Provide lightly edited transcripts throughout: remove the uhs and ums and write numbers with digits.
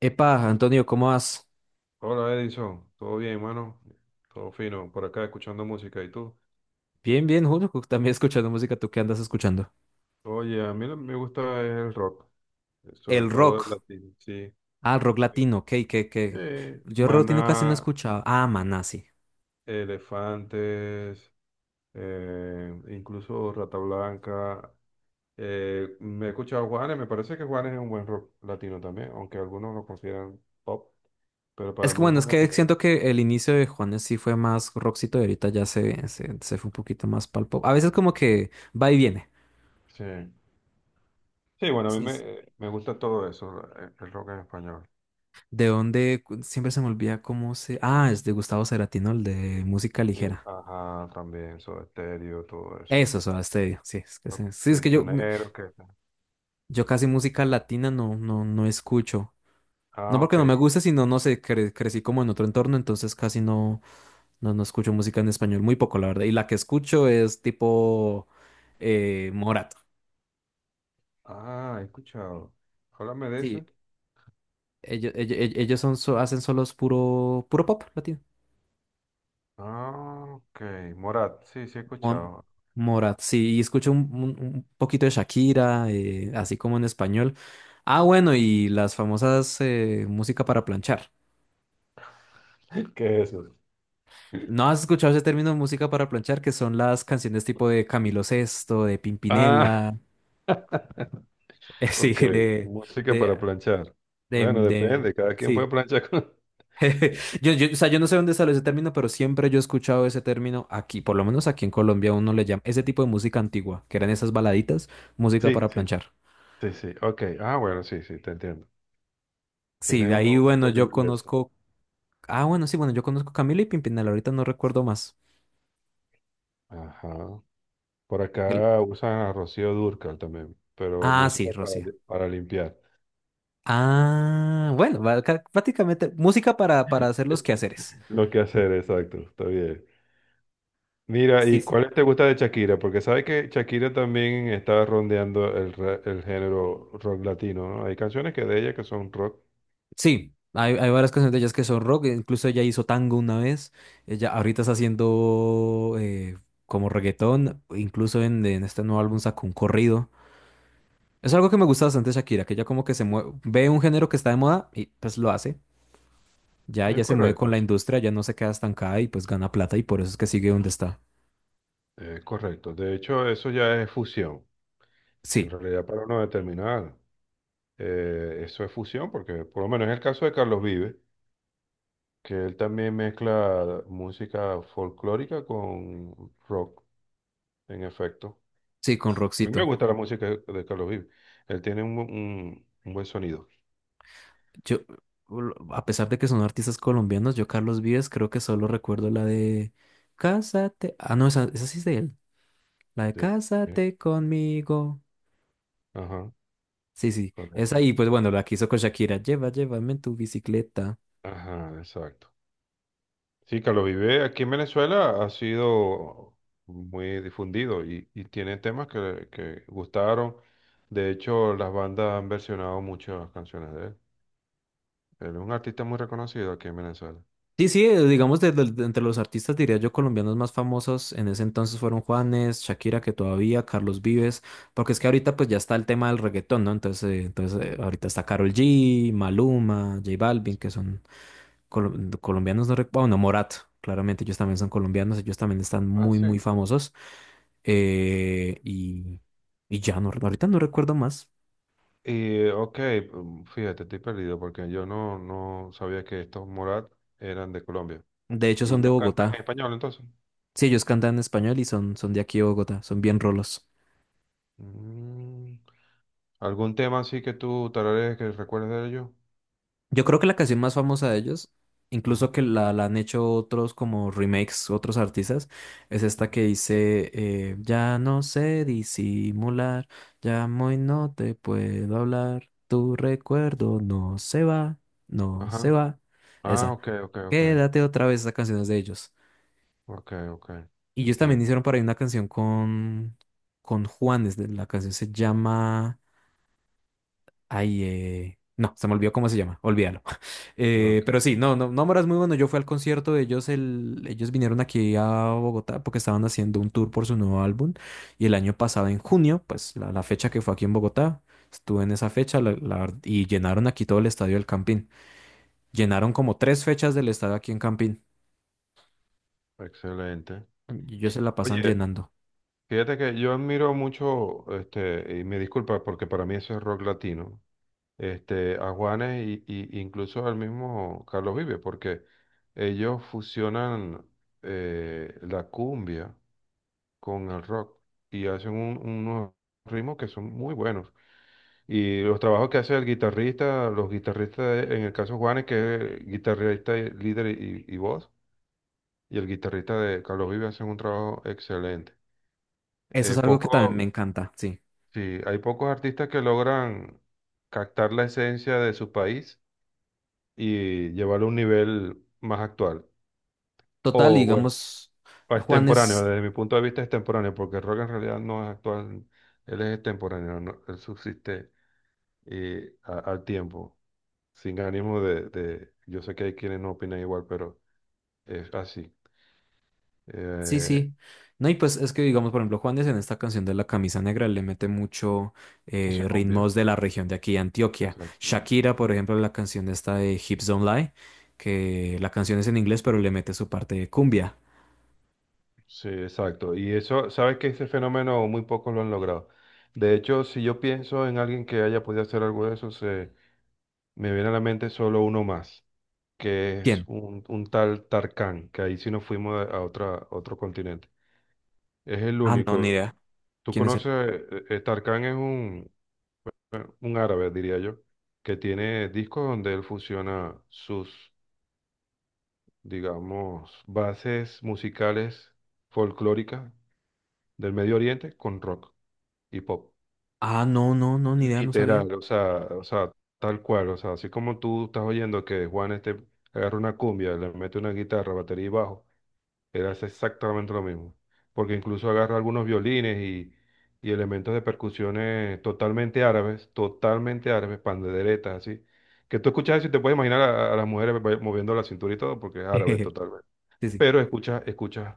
Epa, Antonio, ¿cómo vas? Hola Edison, todo bien, hermano, todo fino, por acá escuchando música, ¿y tú? Bien, bien, Julio, también escuchando música, ¿tú qué andas escuchando? Oye, a mí lo que me gusta es el rock, sobre El todo el rock. latino, sí. Ah, rock latino, ok, que. Yo rock latino casi no he Maná, escuchado. Ah, maná, sí. Elefantes, incluso Rata Blanca. Me he escuchado Juanes, me parece que Juanes es un buen rock latino también, aunque algunos lo consideran pop, pero para Es que mí bueno, es Juanes que también es siento rock. que el inicio de Juanes sí fue más rockcito y ahorita ya se fue un poquito más pal pop. A veces como que va y viene. Sí. Sí, bueno, a mí Sí. Me, me gusta todo eso, el rock en español. ¿De dónde? Siempre se me olvida cómo se. Ah, es de Gustavo Cerati, ¿no? El de música Sí, ligera. ajá, también, Soda Stereo, todo eso. Eso, Soda Stereo. Sí, es que, Los sí, es que yo, prisioneros que... yo casi música latina no escucho. No Ah, porque ok. no me guste, sino no sé, crecí como en otro entorno, entonces casi no escucho música en español, muy poco, la verdad. Y la que escucho es tipo Morat. Ah, he escuchado. Háblame de Sí, eso. ellos son, hacen solos puro pop latino. Ah, ok. Morat, sí, sí he Mo- escuchado. Morat, sí, y escucho un poquito de Shakira, así como en español. Ah, bueno, y las famosas música para planchar. ¿Qué es eso? ¿No has escuchado ese término música para planchar? Que son las canciones tipo de Camilo Sesto, de Ah, Pimpinela. Sí, ok. Música para de, planchar. Bueno, depende, cada quien puede sí. planchar con... o sea, yo no sé dónde salió ese término, pero siempre yo he escuchado ese término aquí, por lo menos aquí en Colombia uno le llama ese tipo de música antigua, que eran esas baladitas, música Sí, para sí, planchar. sí, sí. Ok. Ah, bueno, sí, sí, te entiendo. Sí, Tienes de ahí, unos bueno, gustos yo diversos. conozco, ah, bueno, sí, bueno, yo conozco Camila y Pimpinela, ahorita no recuerdo más. Ajá. Por El- acá usan a Rocío Dúrcal también, pero es Ah, música sí, para, Rocío. Para limpiar. Ah, bueno, prácticamente música para hacer los quehaceres. Lo que hacer, exacto, está bien. Mira, Sí, ¿y sí. cuáles te gusta de Shakira? Porque sabes que Shakira también está rondeando el, el género rock latino, ¿no? Hay canciones que de ella que son rock. Sí, hay varias canciones de ellas que son rock, incluso ella hizo tango una vez, ella ahorita está haciendo como reggaetón, incluso en este nuevo álbum sacó un corrido. Es algo que me gusta bastante de Shakira, que ella como que se mueve, ve un género que está de moda y pues lo hace. Ya Es ella se mueve con correcto, la sí. industria, ya no se queda estancada y pues gana plata y por eso es que sigue donde está. Es correcto. De hecho, eso ya es fusión. En Sí, realidad, para no determinar, eso es fusión, porque por lo menos en el caso de Carlos Vives. Que él también mezcla música folclórica con rock, en efecto. sí, con A mí me Roxito. gusta la música de Carlos Vives. Él tiene un, un buen sonido. Yo, a pesar de que son artistas colombianos, yo Carlos Vives creo que solo recuerdo la de Cásate. Ah, no, esa sí es de él. La de Sí. Cásate conmigo. Ajá, Sí, sí, esa correcto. y pues Sí. bueno, la que hizo con Shakira. Lleva, llévame en tu bicicleta. Ajá, exacto. Sí, Carlos Vives aquí en Venezuela ha sido muy difundido y tiene temas que gustaron. De hecho, las bandas han versionado muchas canciones de él. Él es un artista muy reconocido aquí en Venezuela. Sí, sí, digamos, de entre los artistas, diría yo, colombianos más famosos en ese entonces fueron Juanes, Shakira, que todavía, Carlos Vives, porque es que ahorita pues ya está el tema del reggaetón, ¿no? Entonces, entonces ahorita está Karol G, Maluma, J Balvin, Sí. que son colo- colombianos, no recuerdo, bueno, Morat, claramente ellos también son colombianos, ellos también están Ah, sí. muy famosos. eh, y, y ya, no, ahorita no recuerdo más. Y ok, fíjate, estoy perdido porque yo no, no sabía que estos Morat eran de Colombia. De hecho, ¿Y son de ellos cantan en Bogotá. español entonces? Sí, ellos cantan en español y son de aquí de Bogotá, son bien rolos. Mm, ¿Algún tema así que tú tararees que recuerdes de ellos? Yo creo que la canción más famosa de ellos, Ajá. incluso que la han hecho otros como remakes, otros artistas, es No. esta que dice, ya no sé disimular, llamo y no te puedo hablar, tu recuerdo no se va, no se Ajá. va. Ah, Esa, ok, ok, ok. quédate otra vez, esa canción es de ellos. Ok, ok. Y ellos también Entiendo. hicieron por ahí una canción con Juanes, la canción se llama, ay, no, se me olvidó cómo se llama, olvídalo. Pero Ok. sí, no, no, Nómora es muy bueno. Yo fui al concierto de ellos, el, ellos vinieron aquí a Bogotá porque estaban haciendo un tour por su nuevo álbum. Y el año pasado, en junio, pues la fecha que fue aquí en Bogotá, estuve en esa fecha y llenaron aquí todo el estadio del Campín. Llenaron como tres fechas del estadio aquí en Campín. Excelente. Y ellos se la pasan Oye, llenando. fíjate que yo admiro mucho, este, y me disculpa porque para mí eso es rock latino. Este, a Juanes y incluso al mismo Carlos Vives, porque ellos fusionan la cumbia con el rock y hacen unos ritmos que son muy buenos. Y los trabajos que hace el guitarrista, los guitarristas, en el caso de Juanes, que es guitarrista, líder y voz, y el guitarrista de Carlos Vives hacen un trabajo excelente. Eso es Eh, algo que también me poco, encanta, sí. sí, hay pocos artistas que logran captar la esencia de su país y llevarlo a un nivel más actual. Total, O bueno, digamos, Juan extemporáneo, es desde mi punto de vista es extemporáneo, porque el rock en realidad no es actual, él es extemporáneo, ¿no? Él subsiste al tiempo, sin ánimo yo sé que hay quienes no opinan igual, pero es así. sí, Eh, sí. No, y pues es que, digamos, por ejemplo, Juanes en esta canción de La Camisa Negra le mete mucho eso es cumbia, ritmos de la región de aquí, de Antioquia. exacto. Shakira, por ejemplo, en la canción esta de Hips Don't Lie, que la canción es en inglés, pero le mete su parte de cumbia. Sí, exacto. Y eso, sabes que ese fenómeno muy pocos lo han logrado. De hecho, si yo pienso en alguien que haya podido hacer algo de eso, se, me viene a la mente solo uno más que es ¿Quién? Un tal Tarkán, que ahí sí nos fuimos a otra, otro continente. Es el Ah, no, ni único. idea. Tú ¿Quién es él? conoces, Tarkán es un árabe, diría yo, que tiene discos donde él fusiona sus, digamos, bases musicales folclóricas del Medio Oriente con rock y pop. Ah, no, ni idea, no sabía. Literal, tal cual, o sea, así como tú estás oyendo que Juan este agarra una cumbia, le mete una guitarra, batería y bajo. Eras exactamente lo mismo. Porque incluso agarra algunos violines y elementos de percusiones totalmente árabes, panderetas, así. Que tú escuchas eso y te puedes imaginar a las mujeres moviendo la cintura y todo, porque es árabe totalmente. Sí, sí. Pero escuchas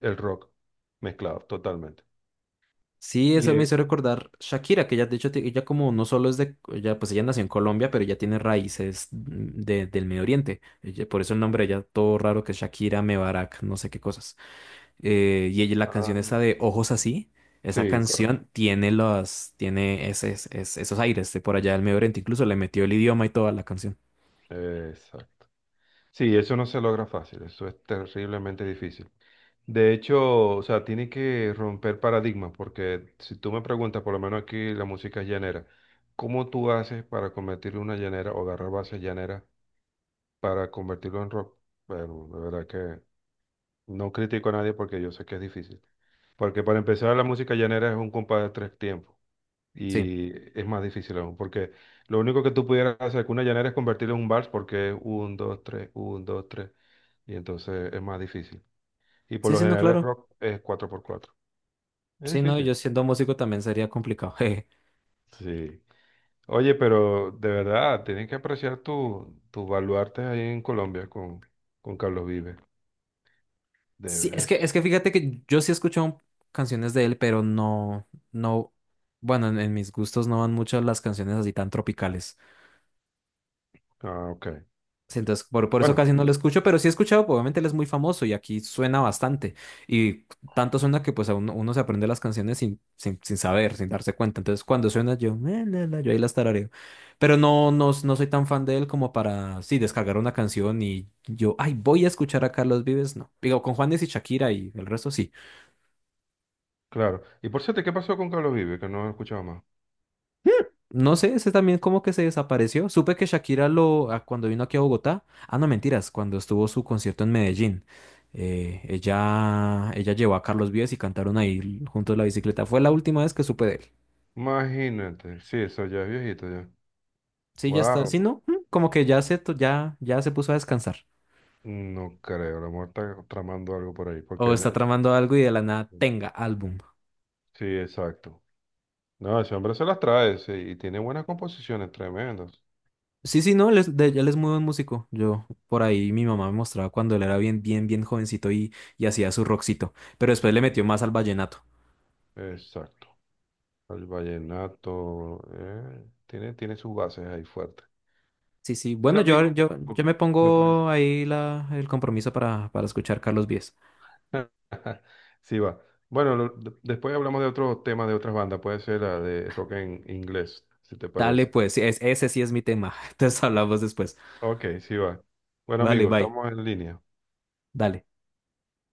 el rock mezclado totalmente. Sí, Y eso me es- hizo recordar Shakira, que ella, de hecho, ella como no solo es de, ella, pues ella nació en Colombia, pero ella tiene raíces del Medio Oriente. Por eso el nombre de ella, todo raro que es Shakira, Mebarak, no sé qué cosas. Y ella, la ah, canción esa de Ojos Así, esa sí, correcto. canción tiene los, tiene esos aires de por allá del Medio Oriente. Incluso le metió el idioma y toda la canción. Exacto. Sí, eso no se logra fácil, eso es terriblemente difícil. De hecho, o sea, tiene que romper paradigmas, porque si tú me preguntas, por lo menos aquí la música es llanera, ¿cómo tú haces para convertirlo en una llanera o agarrar bases llaneras para convertirlo en rock? Bueno, de verdad que no critico a nadie porque yo sé que es difícil. Porque para empezar, la música llanera es un compás de tres tiempos Sí, y es más difícil aún, porque lo único que tú pudieras hacer con una llanera es convertirlo en un vals, porque es un, dos, tres, y entonces es más difícil. Y por lo sí, no, general el claro. rock es cuatro por cuatro. Es Sí, no, yo difícil. siendo músico también sería complicado. Sí. Oye, pero de verdad, tienes que apreciar tu, tus baluartes ahí en Colombia con Carlos Vives. Sí, Debes. es que fíjate que yo sí he escuchado canciones de él, pero no, no, bueno, en mis gustos no van muchas las canciones así tan tropicales. Ah, ok. Sí, entonces, por eso Bueno, casi no lo escucho, pero sí he escuchado, pues, obviamente él es muy famoso y aquí suena bastante. Y tanto suena que pues a uno, uno se aprende las canciones sin saber, sin darse cuenta. Entonces, cuando suena yo, la, la", yo ahí las tarareo. Pero no soy tan fan de él como para, sí, descargar una canción y yo, ay, voy a escuchar a Carlos Vives, no. Digo, con Juanes y Shakira y el resto sí. claro. Y por cierto, ¿qué pasó con Carlos Vives? Que no he escuchado más. No sé, ese también como que se desapareció. Supe que Shakira lo, a- cuando vino aquí a Bogotá, ah, no, mentiras, cuando estuvo su concierto en Medellín, ella llevó a Carlos Vives y cantaron ahí juntos la bicicleta. Fue la última vez que supe de él. Imagínate. Sí, eso ya es viejito ya. Sí, ya está. Sí, Wow. no, mm, como que ya se, ya, ya se puso a descansar. No creo, la muerte está tramando algo por ahí, O porque está tramando algo y de la nada tenga álbum. sí, exacto. No, ese hombre se las trae, sí, y tiene buenas composiciones, tremendas. Sí, sí, no, él es, él es muy buen músico. Yo, por ahí, mi mamá me mostraba cuando él era bien jovencito y hacía su rockcito. Pero después le metió más al vallenato. Exacto. El vallenato, tiene, tiene sus bases ahí fuertes. Sí, sí. Bueno, Ahora, amigo, yo me me parece. pongo ahí la, el compromiso para escuchar Carlos Vives. Sí, va. Bueno, después hablamos de otros temas de otras bandas, puede ser la de rock en inglés, si te Dale, parece. pues, es, ese sí es mi tema. Entonces hablamos después. Ok, sí, va. Bueno, Vale, amigo, bye. estamos en línea. Dale.